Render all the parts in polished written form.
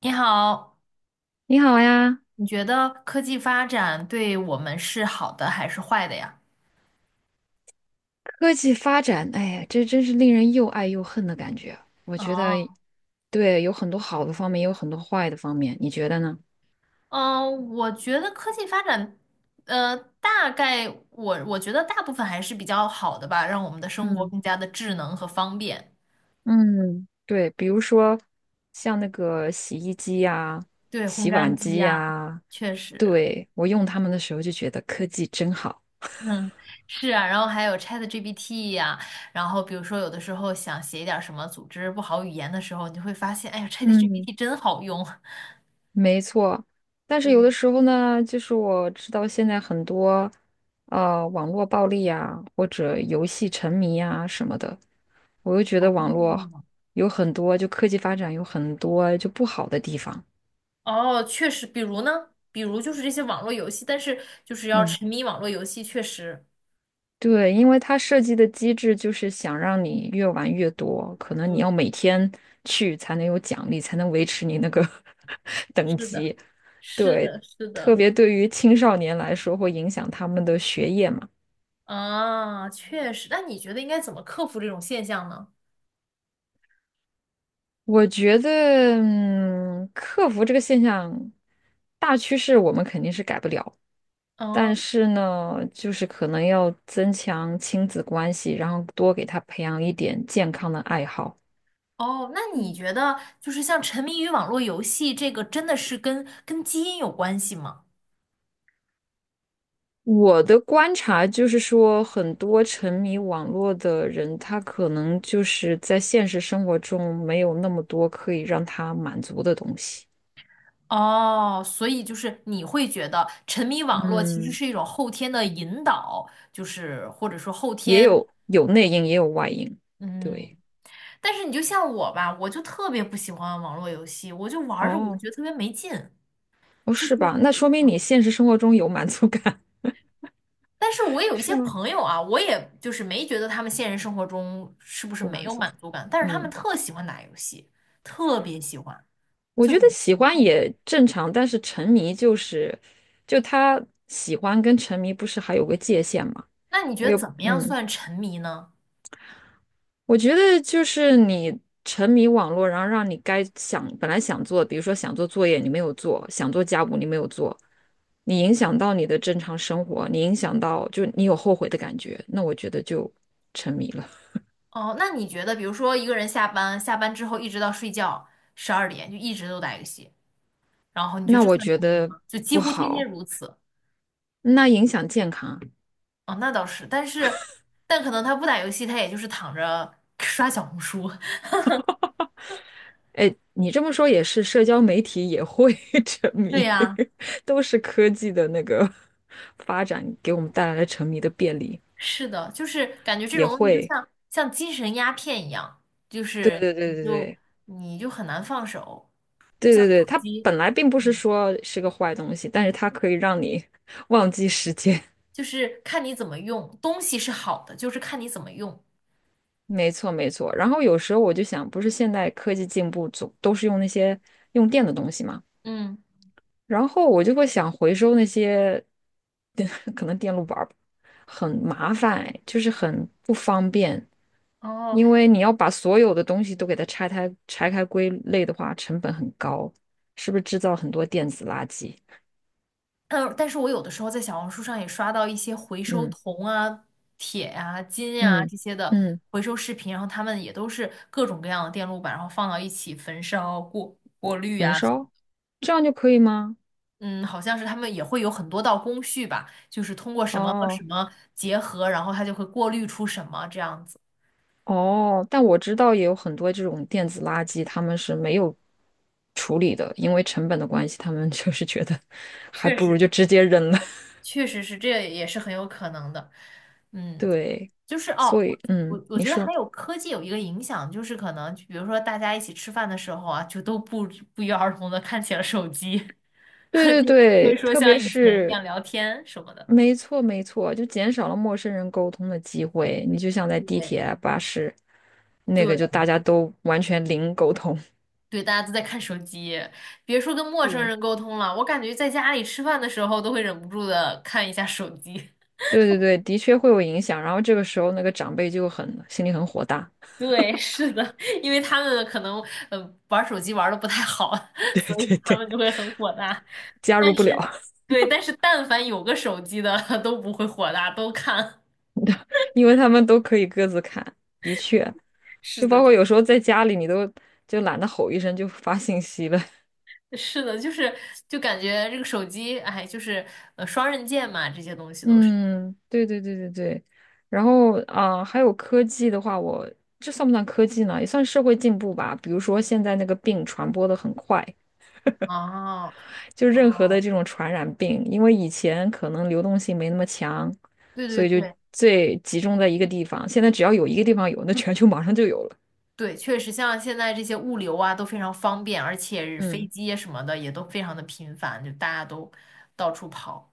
你好，你好呀。你觉得科技发展对我们是好的还是坏的呀？科技发展，哎呀，这真是令人又爱又恨的感觉。我觉得，哦，对，有很多好的方面，也有很多坏的方面，你觉得呢？嗯，我觉得科技发展，大概我觉得大部分还是比较好的吧，让我们的生活嗯更加的智能和方便。嗯，对，比如说像那个洗衣机呀、对，烘洗干碗机机呀，呀，确实对，我用它们的时候就觉得科技真好。是啊，然后还有 ChatGPT 呀，然后比如说有的时候想写一点儿什么组织不好语言的时候，你就会发现，哎呀嗯。，ChatGPT 真好用。没错，但是有对，的时候呢，就是我知道现在很多网络暴力啊，或者游戏沉迷啊什么的，我又觉得网络哦，有很多，就科技发展有很多就不好的地方。哦，确实，比如呢，比如就是这些网络游戏，但是就是要嗯，沉迷网络游戏，确实，对，因为它设计的机制就是想让你越玩越多，可能你要对，每天去才能有奖励，才能维持你那个 等是的，级。是对，的，是特的，别对于青少年来说，会影响他们的学业嘛。啊，确实。那你觉得应该怎么克服这种现象呢？我觉得，嗯，克服这个现象，大趋势我们肯定是改不了，但哦是呢，就是可能要增强亲子关系，然后多给他培养一点健康的爱好。哦，那你嗯。觉得就是像沉迷于网络游戏这个，真的是跟基因有关系吗？我的观察就是说，很多沉迷网络的人，他可能就是在现实生活中没有那么多可以让他满足的东西。哦，所以就是你会觉得沉迷网络其实嗯，是一种后天的引导，就是或者说后也天。有内因，也有外因。嗯，对，但是你就像我吧，我就特别不喜欢网络游戏，我就玩儿着我就哦，觉得特别没劲。哦，就是，是吧？那说明你啊。现实生活中有满足感。但是我 有一是些吗？朋友啊，我也就是没觉得他们现实生活中是不是不没满有足。满足感，但是他们嗯，特喜欢打游戏，特别喜欢，我就觉很得奇喜欢怪。也正常，但是沉迷就是，就他喜欢跟沉迷不是还有个界限吗？那你我觉得有，怎么样嗯，算沉迷呢？我觉得就是你沉迷网络，然后让你该想本来想做，比如说想做作业你没有做，想做家务你没有做，你影响到你的正常生活，你影响到就你有后悔的感觉，那我觉得就沉迷了。哦，那你觉得，比如说一个人下班，下班之后一直到睡觉12点，就一直都打游戏，然后 你觉那得这我算觉沉迷得吗？就几不乎天天好。如此。那影响健康。哦，那倒是，但是，但可能他不打游戏，他也就是躺着刷小红书。哎，你这么说也是，社交媒体也会 沉对迷，呀，都是科技的那个 发展给我们带来了沉迷的便利，是的，就是感觉这也种东西就会。像精神鸦片一样，就对是对对你就对你就很难放手，就对像对对对，手它机，本来并不是嗯，说是个坏东西，但是它可以让你 忘记时间。就是看你怎么用，东西是好的，就是看你怎么用。没错没错。然后有时候我就想，不是现代科技进步总都是用那些用电的东西嘛？嗯，然后我就会想回收那些，可能电路板儿吧很麻烦，就是很不方便，哦，因为你要把所有的东西都给它拆开归类的话，成本很高，是不是制造很多电子垃圾？嗯，但是我有的时候在小红书上也刷到一些回收嗯铜啊、铁呀、金呀、嗯这些的嗯。回收视频，然后他们也都是各种各样的电路板，然后放到一起焚烧、过滤焚呀，烧，这样就可以吗？嗯，好像是他们也会有很多道工序吧，就是通过什么和什哦么结合，然后它就会过滤出什么这样子。哦，但我知道也有很多这种电子垃圾，他们是没有处理的，因为成本的关系，他们 就是觉得还确不如实，就直接扔了。确实是，这也是很有可能的。嗯，对，就是哦，所以嗯，我你觉得说还有科技有一个影响，就是可能比如说大家一起吃饭的时候啊，就都不约而同的看起了手机，对 对就不会对，说特像别以前一样是聊天什么的。没错没错，就减少了陌生人沟通的机会。你就像在地对铁啊巴士，那个对就大家都完全零沟通。对，大家都在看手机，别说跟陌生是，人沟通了，我感觉在家里吃饭的时候都会忍不住的看一下手机。对对对，的确会有影响。然后这个时候，那个长辈就很心里很火大。对，是的，因为他们可能玩手机玩的不太好，对所以对他对，们就会很火大。加入但不了。是，对，但是但凡有个手机的 都不会火大，都看。因为他们都可以各自看。的确，是就包的，括有时候在家里，你都就懒得吼一声就发信息了。是的，就是感觉这个手机，哎，就是双刃剑嘛，这些东西都是。嗯，对对对对对，然后啊、还有科技的话，我这算不算科技呢？也算社会进步吧。比如说现在那个病传播的很快，哦就任何的哦，这种传染病，因为以前可能流动性没那么强，对所对以就对最集中在一个地方。现在只要有一个地方有，那全球马上就有了。对，确实像现在这些物流啊都非常方便，而且飞嗯，机啊什么的也都非常的频繁，就大家都到处跑。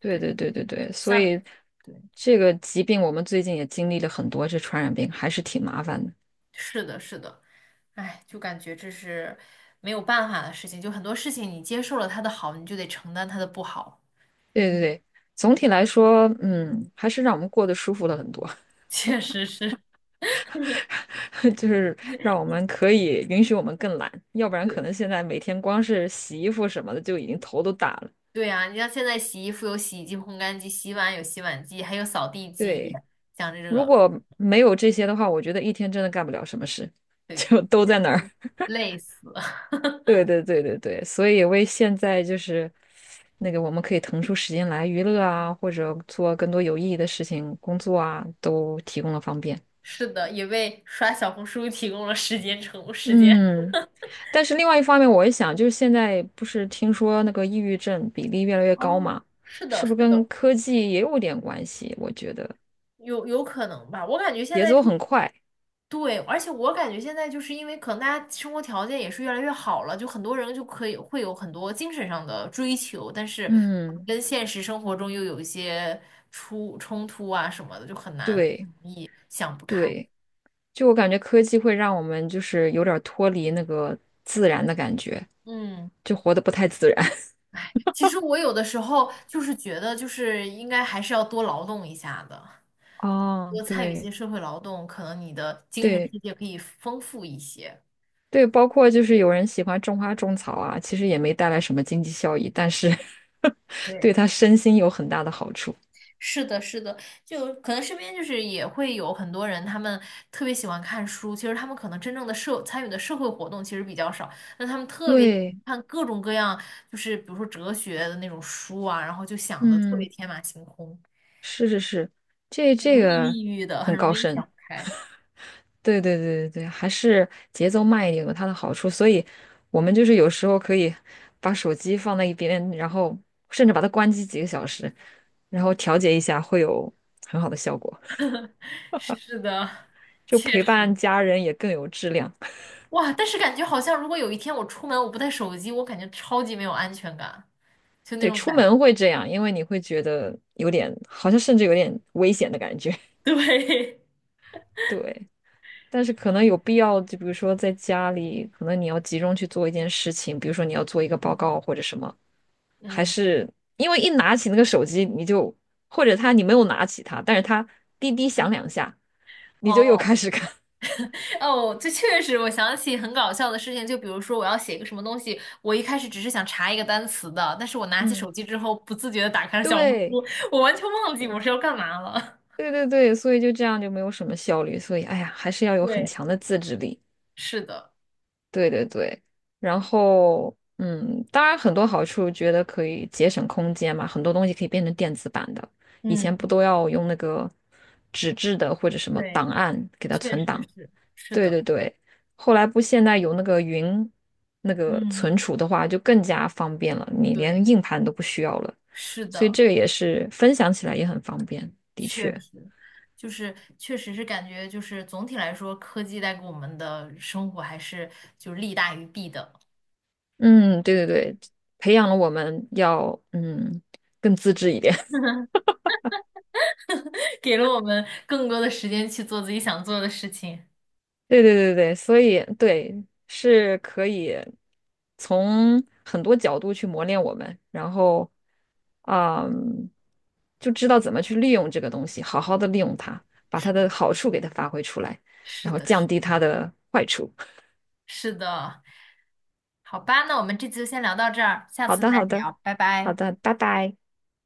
对对，对对对对，所像。以对。这个疾病我们最近也经历了很多，这传染病还是挺麻烦的。是的，是的，哎，就感觉这是没有办法的事情，就很多事情你接受了它的好，你就得承担它的不好，对对对，总体来说，嗯，还是让我们过得舒服了很多。确实是。就是让我 们可以允许我们更懒，要不然可对能现在每天光是洗衣服什么的就已经头都大了。对呀，你像现在洗衣服有洗衣机、烘干机，洗碗有洗碗机，还有扫地机，对，像这如个，果没有这些的话，我觉得一天真的干不了什么事。对，就都在那儿。累死了。对对对对对，所以为现在就是那个我们可以腾出时间来娱乐啊，或者做更多有意义的事情、工作啊，都提供了方便。是的，也为刷小红书提供了时间成时间。嗯。但是另外一方面，我一想，就是现在不是听说那个抑郁症比例越来越高哦，嘛，是的，是不是是跟的，科技也有点关系？我觉得有可能吧？我感觉现节在奏很快，对，而且我感觉现在就是因为可能大家生活条件也是越来越好了，就很多人就可以会有很多精神上的追求，但是可能嗯，跟现实生活中又有一些出冲突啊什么的，就很难很对容易想不开。对，就我感觉科技会让我们就是有点儿脱离那个自然的感觉，嗯，就活得不太自然。其实我有的时候就是觉得，就是应该还是要多劳动一下的，哦，多参与一些对社会劳动，可能你的精神对世界可以丰富一些。对，包括就是有人喜欢种花种草啊，其实也没带来什么经济效益，但是 对对。他身心有很大的好处。是的，是的，就可能身边就是也会有很多人，他们特别喜欢看书，其实他们可能真正的参与的社会活动其实比较少，但他们特别喜对，欢看各种各样，就是比如说哲学的那种书啊，然后就想的特别嗯。天马行空，是是是，这很这容易个抑郁的，很很高容易想深，不开。对对对对对，还是节奏慢一点有它的好处，所以我们就是有时候可以把手机放在一边，然后甚至把它关机几个小时，然后调节一下，会有很好的效果，是的，就确陪伴实，家人也更有质量。哇，但是感觉好像如果有一天我出门我不带手机，我感觉超级没有安全感，就那对，种出感觉。门会这样，因为你会觉得有点，好像甚至有点危险的感觉。对，对，但是可能有必要，就比如说在家里，可能你要集中去做一件事情，比如说你要做一个报告或者什么，还嗯，是因为一拿起那个手机，你就或者他你没有拿起它，但是他滴滴响两下，你就又哦。开始看。哦，这确实，我想起很搞笑的事情，就比如说我要写一个什么东西，我一开始只是想查一个单词的，但是我拿起嗯，手机之后，不自觉的打开了小红对，书，我完全忘记对我是要干嘛了。对对对，所以就这样就没有什么效率，所以哎呀，还是要 有很对，强的自制力。是的，对对对，然后嗯，当然很多好处，觉得可以节省空间嘛，很多东西可以变成电子版的，以前嗯，不都要用那个纸质的或者什么对，档案给它确存实档？是，是对对的，对，后来不现在有那个云那个嗯，存储的话，就更加方便了，你对，连硬盘都不需要了，是所以的，这个也是分享起来也很方便，的确确，实，就是确实是感觉就是总体来说，科技带给我们的生活还是就是利大于弊的，嗯，对对对，培养了我们要嗯更自制一点。给了我们更多的时间去做自己想做的事情。对对对对，所以对是可以从很多角度去磨练我们，然后，嗯，就知道怎么去利用这个东西，好好的利用它，把它的好处给它发挥出来，是然后的，降是低它的坏处。是的，好吧，那我们这次就先聊到这儿，下好次的，再好的，聊，拜好拜。的，拜拜。